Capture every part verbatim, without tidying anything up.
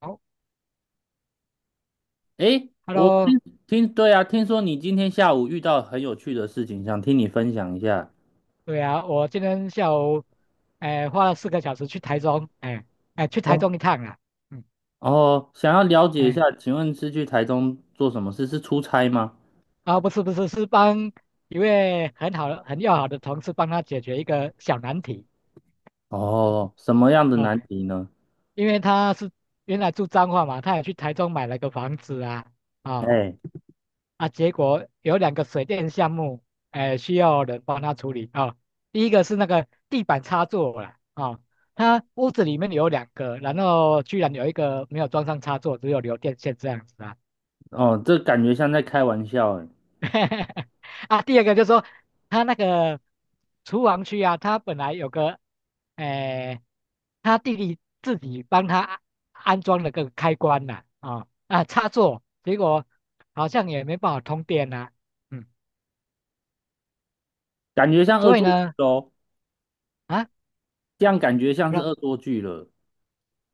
好诶，我，Hello，听听，对啊，听说你今天下午遇到很有趣的事情，想听你分享一下。对啊，我今天下午，哎、花了四个小时去台中，哎、哎、去台哦，中一趟啊，嗯，哦，想要了解一下，哎、请问是去台中做什么事？是出差吗？啊，不是不是，是帮一位很好的、很要好的同事帮他解决一个小难题哦，什么样的难啊、题呢？因为他是原来住彰化嘛，他也去台中买了个房子啊，啊、哎，啊，结果有两个水电项目，哎、需要人帮他处理啊、第一个是那个地板插座啦，啊、他屋子里面有两个，然后居然有一个没有装上插座，只有留电线这样子啊。哦，这感觉像在开玩笑，哎，啊，第二个就是说他那个厨房区啊，他本来有个，哎、他弟弟自己帮他安装了个开关呐、啊，啊，插座，结果好像也没办法通电呐、嗯，感觉像恶所以作剧呢。哦，啊，这样感觉像是老恶作剧了。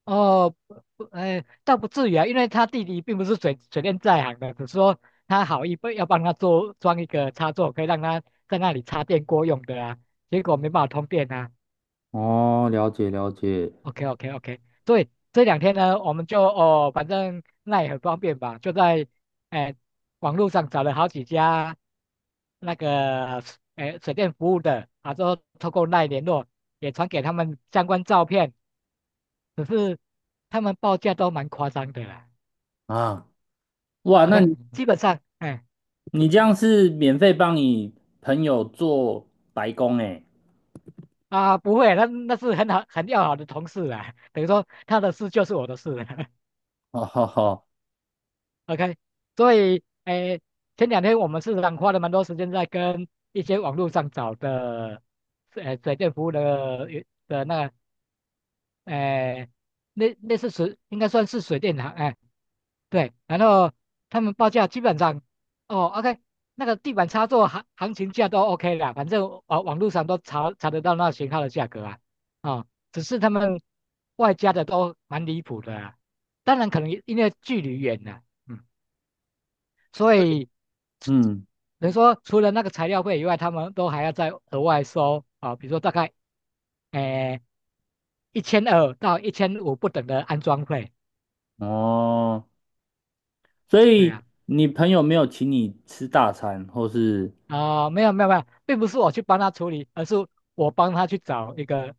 哦不不，哎，倒不至于啊，因为他弟弟并不是水水电在行的，只是说他好意不要帮他做装一个插座，可以让他在那里插电锅用的啊，结果没办法通电啊。哦，了解了解。OK OK OK，所以这两天呢，我们就哦，反正那也很方便吧，就在哎网络上找了好几家那个哎水电服务的，啊，之后透过那联络，也传给他们相关照片。只是他们报价都蛮夸张的啦。啊，哇，那 OK，你基本上，哎、你这样是免费帮你朋友做白工哎，啊，不会，那那是很好很要好的同事啦，等于说他的事就是我的事了。哦好好，OK，所以，哎、前两天我们市场花了蛮多时间在跟一些网络上找的，呃，水电服务的的那个，哎、那类似水，应该算是水电行，哎、对，然后他们报价基本上，哦，OK，那个地板插座行行情价都 OK 啦，反正网网络上都查查得到那型号的价格啊，啊、只是他们外加的都蛮离谱的啊，当然可能因为距离远了，嗯，所以嗯。等于说除了那个材料费以外，他们都还要再额外收啊、比如说大概，诶一千二到一千五不等的安装费，哦，所对以呀。你朋友没有请你吃大餐，或是啊，没有没有没有，并不是我去帮他处理，而是我帮他去找一个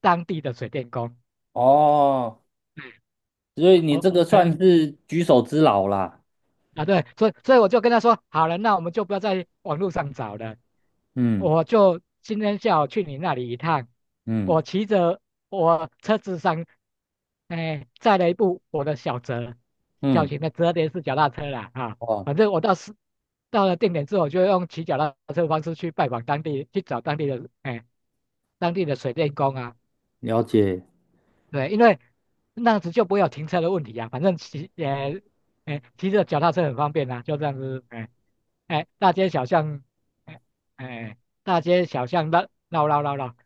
当地的水电工。哦，所以你哦，这个哎算是举手之劳啦。啊对，所以所以我就跟他说，好了，那我们就不要在网络上找了，嗯我就今天下午去你那里一趟，嗯我骑着我车子上，哎，载了一部我的小折，小嗯，型的折叠式脚踏车啦啊，哦，反正我到是到了定点之后，我就用骑脚踏车的方式去拜访当地，去找当地的哎当地的水电工啊。了解。对，因为那样子就不会有停车的问题啊。反正骑，呃，哎，骑着脚踏车很方便啊，就这样子，哎，哎，大街小巷，哎，哎，大街小巷的绕绕绕绕，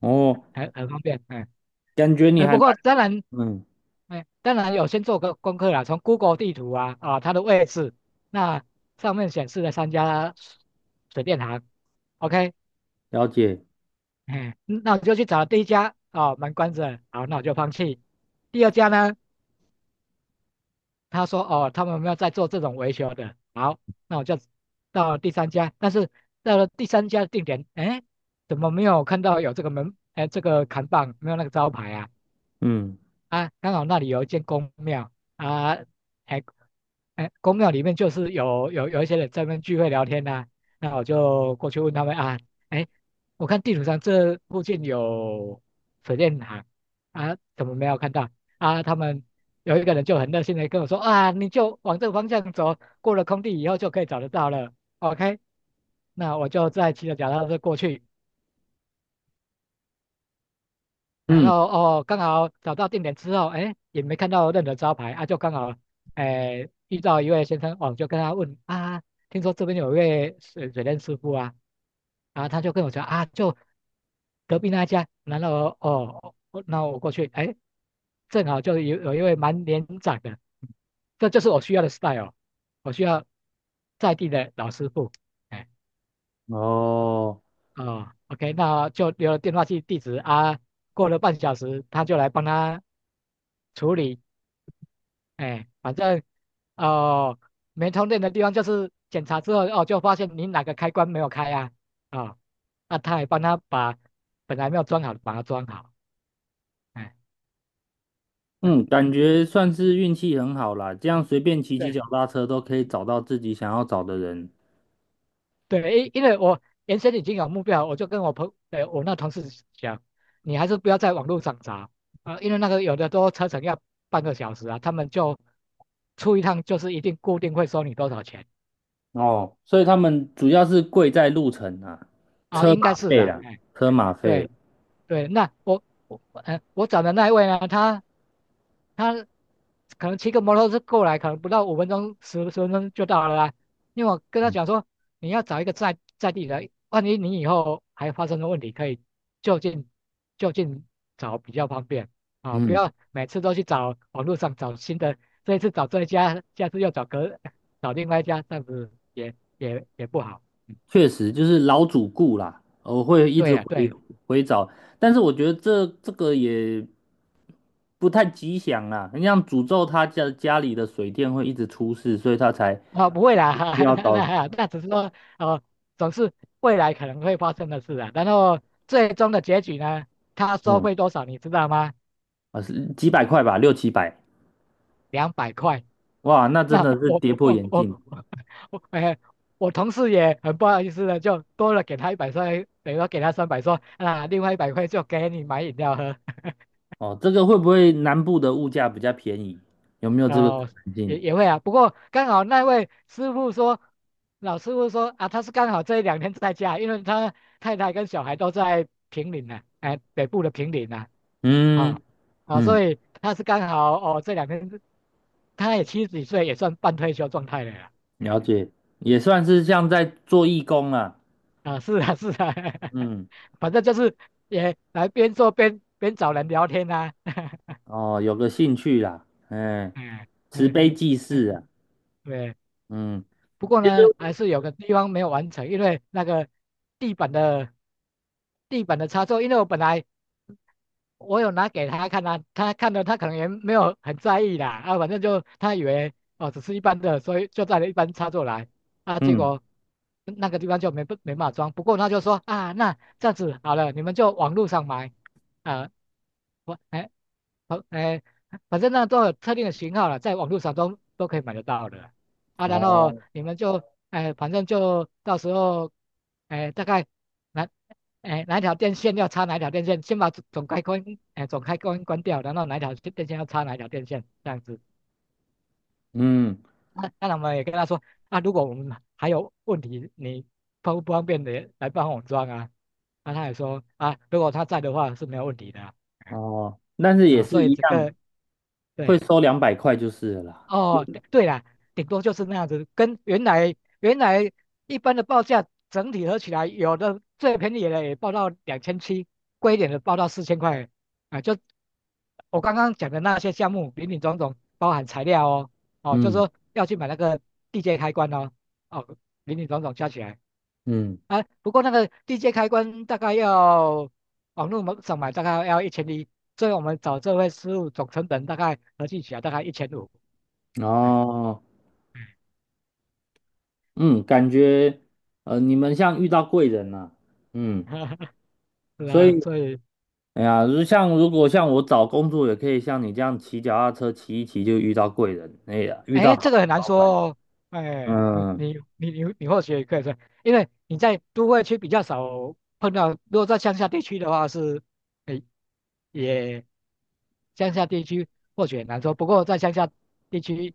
哦，很很方便，哎，感觉你哎，还不过蛮当然，嗯，哎，当然有先做个功课啦，从 Google 地图啊，啊，它的位置，那上面显示了三家水电行，OK，了解。哎，那我就去找第一家，哦，门关着，好，那我就放弃。第二家呢？他说哦，他们没有在做这种维修的。好，那我就到了第三家，但是到了第三家的定点，哎，怎么没有看到有这个门，哎，这个扛棒没有那个招牌啊？嗯啊，刚好那里有一间公庙啊，哎，哎，公庙里面就是有有有一些人在那边聚会聊天呐、那我就过去问他们啊，哎，我看地图上这附近有水电行啊，怎么没有看到啊？他们有一个人就很热心的跟我说啊，你就往这个方向走，过了空地以后就可以找得到了。OK，那我就再骑着脚踏车过去。然嗯，后哦，刚好找到定点之后，哎，也没看到任何招牌啊，就刚好，哎，遇到一位先生，哦，就跟他问啊，听说这边有一位水水电师傅啊，啊，他就跟我说啊，就隔壁那一家，然后哦，哦那我过去，哎，正好就有有一位蛮年长的，这就是我需要的 style，我需要在地的老师傅，哎，哦，哦，OK，那就留了电话记地址啊，过了半小时，他就来帮他。处理，哎，反正哦，没充电的地方就是检查之后哦，就发现你哪个开关没有开啊，啊，那他也帮他把本来没有装好的把它装好，哎，嗯嗯，感觉算是运气很好啦，这样随便骑骑对脚踏车都可以找到自己想要找的人。对，因因为我原先已经有目标了我就跟我朋呃我那同事讲，你还是不要在网络上找啊，因为那个有的都车程要半个小时啊，他们就出一趟就是一定固定会收你多少钱哦，所以他们主要是贵在路程啊，啊，车应该马是费啊，啦，哎，车哎马费。对。对，那我我呃我找的那一位呢，他他可能骑个摩托车过来，可能不到五分钟十十分钟就到了啦。因为我跟他讲说，你要找一个在在地的，万一你以后还发生了问题，可以就近就近找比较方便啊，不嗯，要每次都去找网络上找新的，这一次找这一家，下次又找隔找另外一家，这样子也也也不好。嗯确实就是老主顾啦，我会一对直呀、回对。回找，但是我觉得这这个也不太吉祥啦，你像诅咒他家家里的水电会一直出事，所以他才啊，不会啦，需 要那找那那只是说哦，总是未来可能会发生的事啊。然后最终的结局呢，他收嗯费多少你知道吗？啊是几百块吧，六七百，两百块。哇，那真那的是我跌破我眼我镜我，哎，我同事也很不好意思的，就多了给他一百块，等于说给他三百，说啊，另外一百块就给你买饮料喝。哦。这个会不会南部的物价比较便宜？有没有这个可哦，能也性？也会啊，不过刚好那位师傅说，老师傅说啊，他是刚好这一两天在家，因为他太太跟小孩都在平岭呢、哎，北部的平岭呢、啊，嗯哦，啊、嗯，所以他是刚好哦这两天，他也七十几岁，也算半退休状态了啦，了啊，解，也算是像在做义工啊，啊是啊是啊，嗯。反正就是也来边做边边找人聊天啊，哦，有个兴趣啦，哎，嗯慈嗯悲济嗯，世啊，对。嗯，不过其实，呢，还是有个地方没有完成，因为那个地板的地板的插座，因为我本来我有拿给他看啊，他看了他可能也没有很在意啦，啊，反正就他以为哦只是一般的，所以就带了一般插座来，啊，结嗯，果那个地方就没没办法装，不过他就说啊，那这样子好了，你们就网络上买，啊，我哎好哎，反正那都有特定的型号了，在网络上都都可以买得到的，啊，然后哦，你们就哎，反正就到时候哎大概。哪哎哪一条电线要插哪一条电线，先把总总开关哎总开关关掉，然后哪一条电线要插哪一条电线这样子。嗯，那那然我们也跟他说啊，如果我们还有问题，你方不方便的来帮我装啊？那他也说啊，如果他在的话是没有问题的啊，哦，但是也啊所是以一整样，个会对。收两百块就是了啦，哦，对对啦，顶多就是那样子，跟原来原来一般的报价整体合起来，有的最便宜的也报到两千七，贵一点的报到四千块，啊，就我刚刚讲的那些项目，林林总总包含材料哦，哦，就是嗯说要去买那个地接开关哦，哦，林林总总加起来，嗯，啊，不过那个地接开关大概要网络上买大概要一千一，所以我们找这位师傅总成本大概合计起来大概一千五。嗯。哦，嗯，感觉，呃，你们像遇到贵人了、嗯，是所啊，以，所以，哎呀，如像如果像我找工作，也可以像你这样骑脚踏车骑一骑就遇到贵人，哎呀，遇到哎，好这个的很难老说板，哦。哎，你嗯，你你你你或许也可以说，因为你在都会区比较少碰到，如果在乡下地区的话是，哎，也乡下地区或许很难说。不过在乡下地区，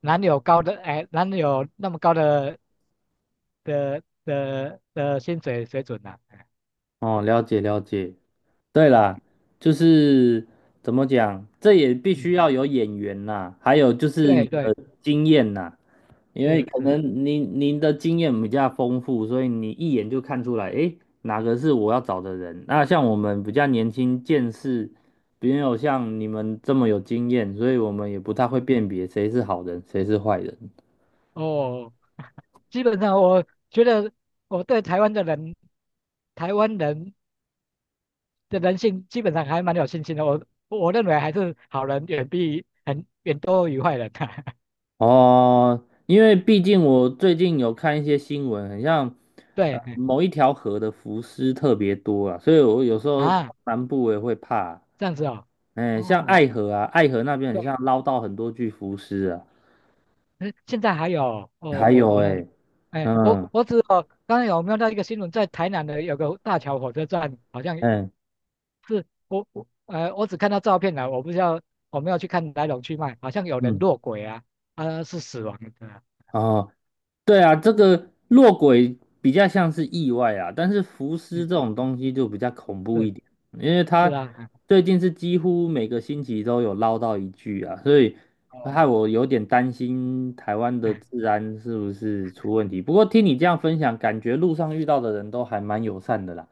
哪里有高的，哎，哪里有那么高的的的的薪水水准呢、哎，哦，了解了解。对嗯啦，就是怎么讲，这也必须嗯，要有眼缘呐，还有就是对你对，的经验呐，因为是可是，能您您的经验比较丰富，所以你一眼就看出来，诶，哪个是我要找的人。那像我们比较年轻，见识没有像你们这么有经验，所以我们也不太会辨别谁是好人，谁是坏人。哦，基本上我觉得我对台湾的人，台湾人。的人性基本上还蛮有信心的。我我认为还是好人远比很远多于坏人啊。哦，因为毕竟我最近有看一些新闻，很像 呃对嗯某一条河的浮尸特别多啊，所以我有时候啊，南部我也会怕。这样子哦，哎，像爱哦，河啊，爱河那边很像对，捞到很多具浮尸啊，嗯现在还有哦，还我有没有，哎，哎，我嗯，我只哦，刚才有没有到一个新闻，在台南的有个大桥火车站，好像哎，是我我呃，我只看到照片了，我不知道我没有去看来龙去脉，好像有人嗯，落轨啊，啊、是死亡的，哦，对啊，这个落轨比较像是意外啊，但是浮尸嗯，这种东西就比较恐怖是一点，因为是他啊，嗯最近是几乎每个星期都有捞到一具啊，所以害哦，我有点担心台湾的哎治安是不是出问题。不过听你这样分享，感觉路上遇到的人都还蛮友善的啦，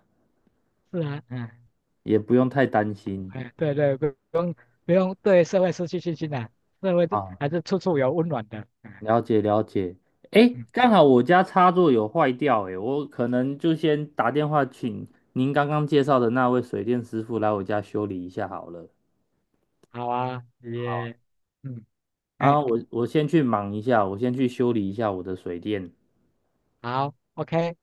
是啊，嗯。也不用太担心哎，对对，不用不用对社会失去信心啊，社会都啊。还是处处有温暖的。哎了解了解，诶，嗯，刚好我家插座有坏掉，诶，我可能就先打电话请您刚刚介绍的那位水电师傅来我家修理一下好了。好啊，好，也，嗯，然哎，后我我先去忙一下，我先去修理一下我的水电。好，OK。